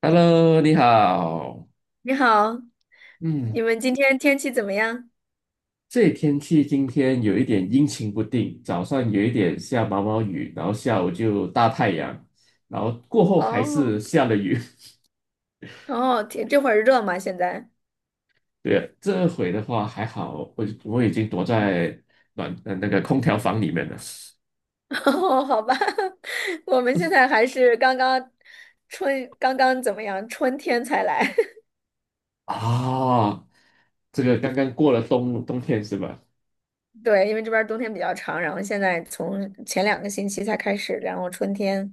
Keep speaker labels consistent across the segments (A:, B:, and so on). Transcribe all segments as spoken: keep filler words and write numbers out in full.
A: Hello，你好。
B: 你好，
A: 嗯，
B: 你们今天天气怎么样？
A: 这里天气今天有一点阴晴不定，早上有一点下毛毛雨，然后下午就大太阳，然后过后还
B: 哦
A: 是下了雨。
B: 哦，天，这会儿热吗？现在？
A: 对，这回的话还好，我我已经躲
B: 嗯
A: 在暖呃那个空调房里面了。
B: 哦，好吧，我们现在还是刚刚春，刚刚怎么样？春天才来。
A: 啊，这个刚刚过了冬冬天是吧？
B: 对，因为这边儿冬天比较长，然后现在从前两个星期才开始，然后春天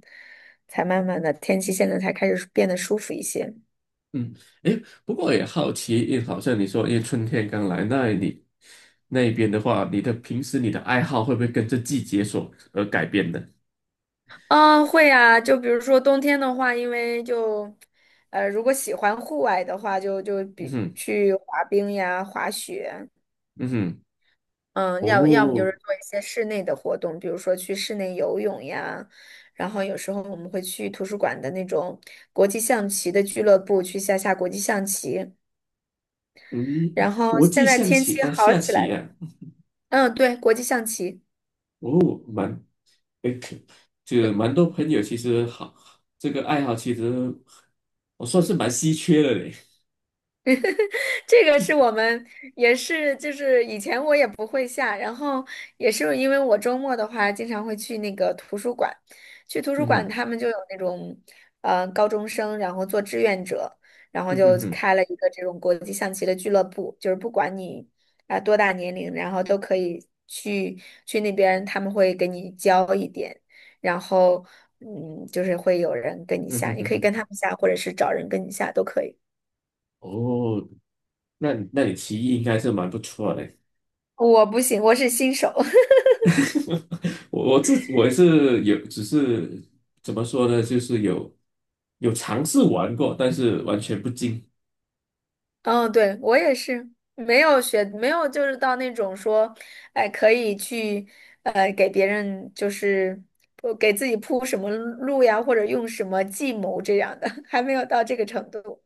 B: 才慢慢的天气现在才开始变得舒服一些。
A: 嗯，诶，不过也好奇，因为好像你说，因为春天刚来，那你那边的话，你的平时你的爱好会不会跟着季节所而改变呢？
B: 嗯，会呀，就比如说冬天的话，因为就，呃，如果喜欢户外的话，就就
A: 嗯
B: 比
A: 哼，
B: 去滑冰呀、滑雪，
A: 嗯哼，
B: 嗯，要要么就是
A: 哦，
B: 做一些室内的活动，比如说去室内游泳呀，然后有时候我们会去图书馆的那种国际象棋的俱乐部去下下国际象棋，
A: 嗯，
B: 然后
A: 国
B: 现
A: 际
B: 在
A: 象
B: 天
A: 棋
B: 气
A: 哦，
B: 好
A: 下
B: 起来
A: 棋
B: 了，
A: 啊，
B: 嗯，对，国际象棋。
A: 哦，蛮，诶，可就蛮多朋友其实好，这个爱好其实我算是蛮稀缺的嘞。
B: 这个是我们也是，就是以前我也不会下，然后也是因为我周末的话，经常会去那个图书馆，去图书
A: 嗯
B: 馆
A: 哼，
B: 他们就有那种，呃，高中生，然后做志愿者，然后
A: 嗯
B: 就
A: 哼哼，
B: 开了一个这种国际象棋的俱乐部，就是不管你啊、多大年龄，然后都可以去去那边，他们会给你教一点，然后嗯，就是会有人跟你
A: 嗯
B: 下，
A: 哼
B: 你
A: 哼
B: 可以跟他
A: 哼，
B: 们下，或者是找人跟你下都可以。
A: 哦，那那你棋艺应该是蛮不错的。
B: 我不行，我是新手。
A: 我我自我也是有，只是怎么说呢，就是有有尝试玩过，但是完全不精。
B: 嗯，对，我也是，没有学，没有就是到那种说，哎，可以去，呃，给别人就是呃给自己铺什么路呀，或者用什么计谋这样的，还没有到这个程度。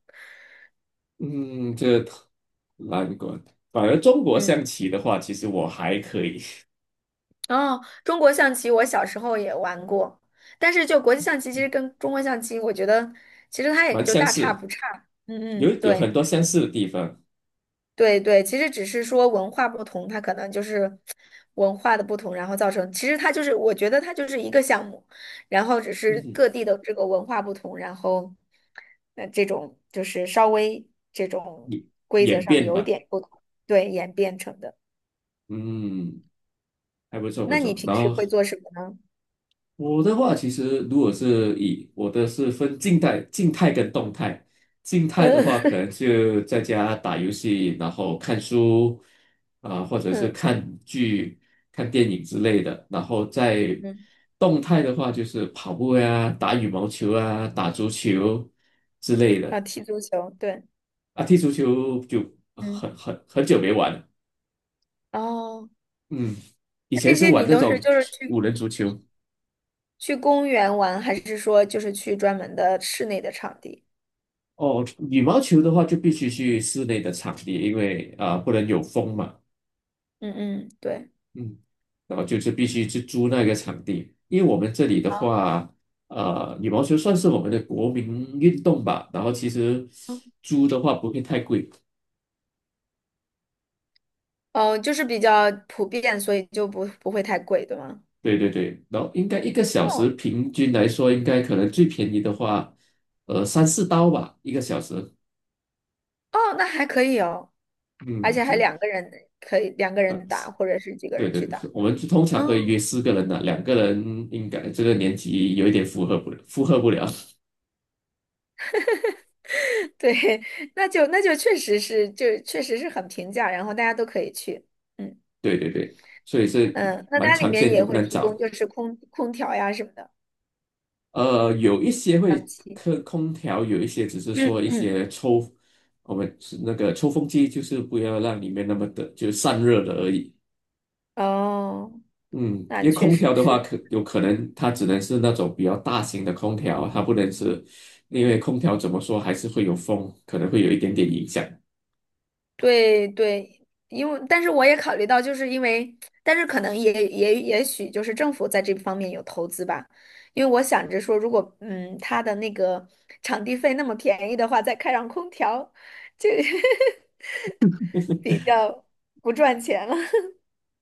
A: 嗯，这难关。反而中国
B: 嗯，
A: 象棋的话，其实我还可以，
B: 哦，中国象棋我小时候也玩过，但是就国际象棋，其实跟中国象棋，我觉得其实它也
A: 蛮
B: 就
A: 相
B: 大差
A: 似，
B: 不差。嗯
A: 有
B: 嗯，
A: 有很
B: 对。
A: 多相似的地方。
B: 对对，其实只是说文化不同，它可能就是文化的不同，然后造成，其实它就是，我觉得它就是一个项目，然后只是
A: 嗯，
B: 各地的这个文化不同，然后呃这种就是稍微这种
A: 演
B: 规则
A: 演
B: 上
A: 变
B: 有一
A: 吧，
B: 点不同，对，演变成的。
A: 嗯，还不错不
B: 那你
A: 错。
B: 平
A: 然
B: 时
A: 后
B: 会做什么呢？
A: 我的话，其实如果是以我的是分静态、静态跟动态。静态的话，可
B: 嗯
A: 能就在家打游戏，然后看书啊、或 者是
B: 嗯
A: 看剧、看电影之类的。然后在
B: 嗯，
A: 动态的话，就是跑步呀、打羽毛球啊、打足球之类
B: 啊，
A: 的。
B: 踢足球，对，
A: 啊，踢足球就
B: 嗯，
A: 很很很久没玩了。
B: 哦，
A: 嗯，以
B: 那
A: 前
B: 这
A: 是
B: 些
A: 玩
B: 你
A: 那
B: 都是
A: 种
B: 就是去
A: 五人足球。
B: 去公园玩，还是说就是去专门的室内的场地？
A: 哦，羽毛球的话就必须去室内的场地，因为啊、呃不能有风嘛，
B: 嗯嗯，对。
A: 嗯，然后就是必须去租那个场地，因为我们这里的
B: 啊，
A: 话，呃，羽毛球算是我们的国民运动吧，然后其实租的话不会太贵，
B: 哦，就是比较普遍，所以就不不会太贵，对吗？
A: 对对对，然后应该一个小时
B: 哦
A: 平均来说，应该可能最便宜的话，呃，三四刀吧，一个小时，
B: 哦，那还可以哦，而
A: 嗯，
B: 且
A: 就
B: 还两个人可以两个人打，或者是几个
A: 对
B: 人去
A: 对，
B: 打。
A: 我们就通常会约
B: 嗯，
A: 四个人的，两个人应该这个年纪有一点负荷不了，负荷不了。
B: 对，那就那就确实是，就确实是很平价，然后大家都可以去。嗯
A: 对对对，所以是
B: 嗯，那
A: 蛮
B: 它里
A: 常
B: 面
A: 见，也
B: 也
A: 不
B: 会
A: 能
B: 提供
A: 找。
B: 就是空空调呀什么的，
A: 呃，有一些会
B: 嗯，气。
A: 空空调，有一些只是说一 些 抽，我们是那个抽风机，就是不要让里面那么的就散热的而已。
B: 哦，
A: 嗯，
B: 那
A: 因为
B: 确
A: 空
B: 实
A: 调的话，
B: 是。
A: 可有可能它只能是那种比较大型的空调，它不能是，因为空调怎么说还是会有风，可能会有一点点影响。
B: 对对，因为但是我也考虑到，就是因为，但是可能也也也许就是政府在这方面有投资吧，因为我想着说，如果嗯他的那个场地费那么便宜的话，再开上空调，就 比较不赚钱了。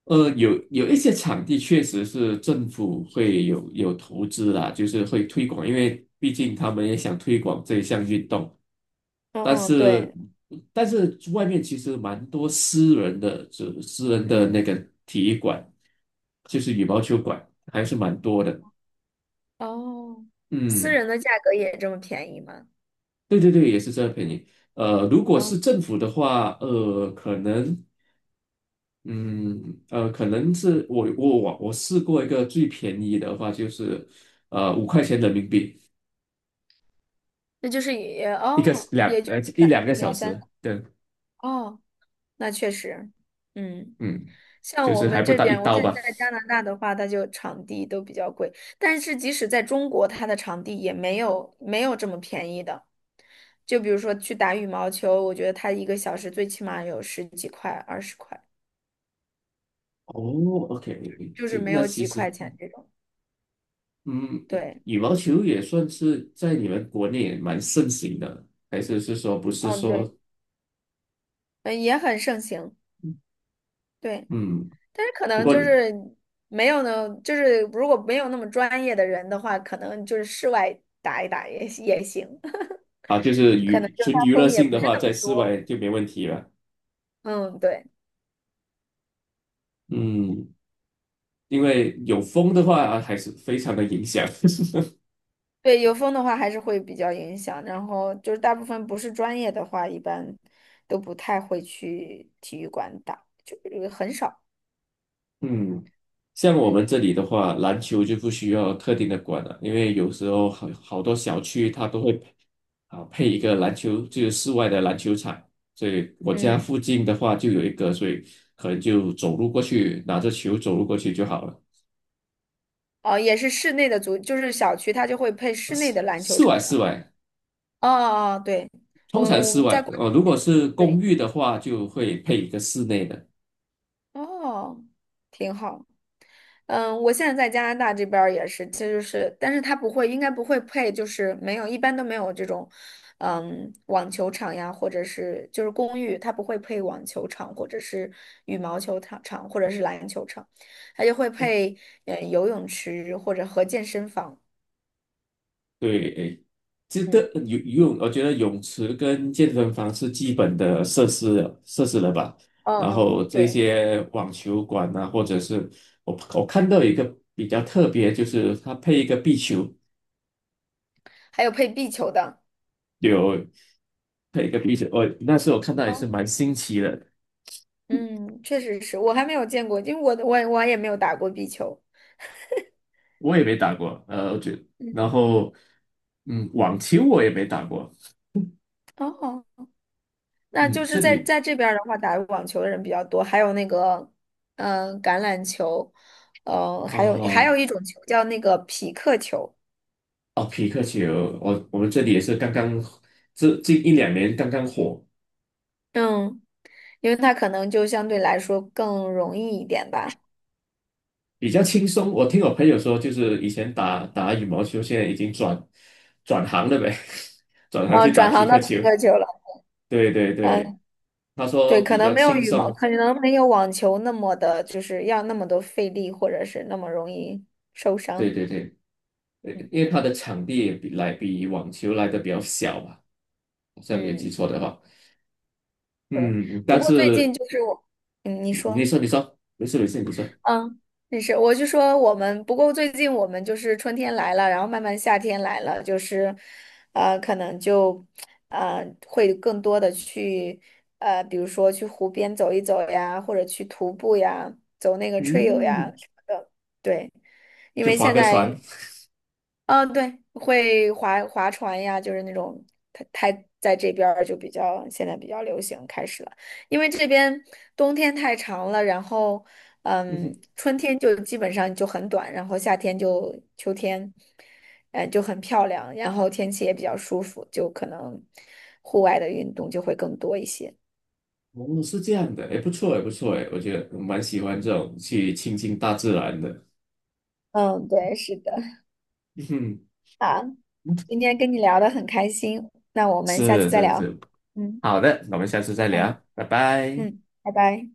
A: 呃，有有一些场地确实是政府会有有投资啦，就是会推广，因为毕竟他们也想推广这项运动。
B: 嗯
A: 但
B: 嗯，
A: 是，
B: 对，
A: 但是外面其实蛮多私人的，就私人的
B: 嗯，
A: 那个体育馆，就是羽毛球馆，还是蛮多的。
B: 哦，私
A: 嗯，
B: 人的价格也这么便宜吗？
A: 对对对，也是这个便宜。呃，如果
B: 哦，
A: 是政府的话，呃，可能嗯，呃，可能是我我我我试过一个最便宜的话，就是呃五块钱人民币
B: 那就是也
A: 一个
B: 哦，
A: 两
B: 也就
A: 呃
B: 是
A: 一
B: 三
A: 两个小
B: 两三
A: 时对，
B: 哦，那确实，嗯。
A: 嗯，
B: 像
A: 就
B: 我
A: 是还
B: 们
A: 不
B: 这
A: 到一
B: 边，我
A: 刀
B: 现
A: 吧。
B: 在在加拿大的话，它就场地都比较贵，但是即使在中国，它的场地也没有没有这么便宜的。就比如说去打羽毛球，我觉得它一个小时最起码有十几块、二十块，
A: 哦，OK，
B: 就
A: 这
B: 是没
A: 那
B: 有
A: 其
B: 几
A: 实
B: 块钱这种。
A: 嗯，
B: 对，
A: 羽毛球也算是在你们国内也蛮盛行的，还是是说不是
B: 嗯，对，
A: 说
B: 嗯，也很盛行，对，
A: 嗯，
B: 但是可
A: 不
B: 能
A: 过
B: 就是没有呢，就是如果没有那么专业的人的话，可能就是室外打一打也也行，
A: 啊，就是娱纯 娱乐
B: 风也
A: 性
B: 不
A: 的
B: 是
A: 话，
B: 那
A: 在
B: 么
A: 室外
B: 多。
A: 就没问题了。
B: 嗯，对。
A: 嗯，因为有风的话，啊还是非常的影响。
B: 对，有风的话还是会比较影响，然后就是大部分不是专业的话，一般都不太会去体育馆打，就是很少。
A: 嗯，像我们
B: 嗯
A: 这里的话，篮球就不需要特定的馆了，因为有时候好好多小区它都会配啊配一个篮球，就是室外的篮球场。所以我家
B: 嗯，
A: 附近的话就有一个，所以可能就走路过去，拿着球走路过去就好了。
B: 哦，也是室内的足，就是小区它就会配室内
A: 室
B: 的篮球
A: 室外
B: 场
A: 室
B: 嘛。
A: 外，
B: 哦哦，对，
A: 通常
B: 我我
A: 室
B: 们在
A: 外，
B: 国
A: 呃，如果是
B: 对，
A: 公寓的话，就会配一个室内的。
B: 哦，挺好。嗯，我现在在加拿大这边儿也是，其实是，但是他不会，应该不会配，就是没有，一般都没有这种，嗯，网球场呀，或者是就是公寓，它不会配网球场，或者是羽毛球场场，或者是篮球场，它就会配呃游泳池或者和健身房。
A: 对，诶，这个
B: 嗯，
A: 游游泳，我觉得泳池跟健身房是基本的设施了设施了吧。
B: 嗯
A: 然后
B: 嗯，
A: 这
B: 对，
A: 些网球馆啊，或者是我我看到有一个比较特别，就是它配一个壁球，
B: 还有配壁球的。
A: 有配一个壁球，我那时候我看到也
B: 哦，
A: 是蛮新奇的，
B: 嗯，确实是我还没有见过，因为我我我也没有打过壁球。
A: 我也没打过，呃，我觉得，然
B: 嗯，
A: 后嗯，网球我也没打过，
B: 哦。那
A: 嗯，
B: 就
A: 这
B: 是在
A: 里
B: 在这边儿的话，打网球的人比较多，还有那个，嗯、橄榄球，呃，还有还有
A: 哦。
B: 一种球叫那个匹克球，
A: 哦，匹克球，我我们这里也是刚刚这近一两年刚刚火，
B: 嗯，因为它可能就相对来说更容易一点吧。
A: 比较轻松。我听我朋友说，就是以前打打羽毛球，现在已经转转行了呗，转行去
B: 嗯、
A: 打
B: 转
A: 匹
B: 行
A: 克
B: 到
A: 球。
B: 匹克球了，
A: 对对对，
B: 嗯、
A: 他
B: 对，
A: 说
B: 可
A: 比
B: 能
A: 较
B: 没有
A: 轻
B: 羽毛，
A: 松。
B: 可能没有网球那么的，就是要那么多费力，或者是那么容易受
A: 对
B: 伤。
A: 对对，呃
B: 嗯
A: 因为他的场地也比来比网球来的比较小吧，好像没有记
B: 嗯，
A: 错的话。
B: 对。
A: 嗯，
B: 不
A: 但
B: 过最
A: 是
B: 近就是我，嗯，你
A: 你
B: 说。
A: 说你说，没事没事，你说，
B: 嗯，没事，我就说我们，不过最近我们就是春天来了，然后慢慢夏天来了，就是，呃，可能就，呃，会更多的去，呃，比如说去湖边走一走呀，或者去徒步呀，走那个 trail 呀
A: 嗯，
B: 什么的。对，因
A: 去
B: 为
A: 划
B: 现
A: 个船。
B: 在嗯，对，会划划船呀，就是那种，它它在这边儿就比较现在比较流行开始了，因为这边冬天太长了，然后嗯，春天就基本上就很短，然后夏天就秋天，呃，就很漂亮，然后天气也比较舒服，就可能户外的运动就会更多一些。
A: 哦，是这样的，哎，不错，哎，不错，哎，我觉得我蛮喜欢这种去亲近大自然的。
B: 嗯，对，是的，
A: 嗯，
B: 好，今天跟你聊的很开心，那我们下
A: 是
B: 次再
A: 是
B: 聊。
A: 是，
B: 嗯
A: 好的，那我们下次再
B: 嗯
A: 聊，拜拜。
B: 嗯，拜拜。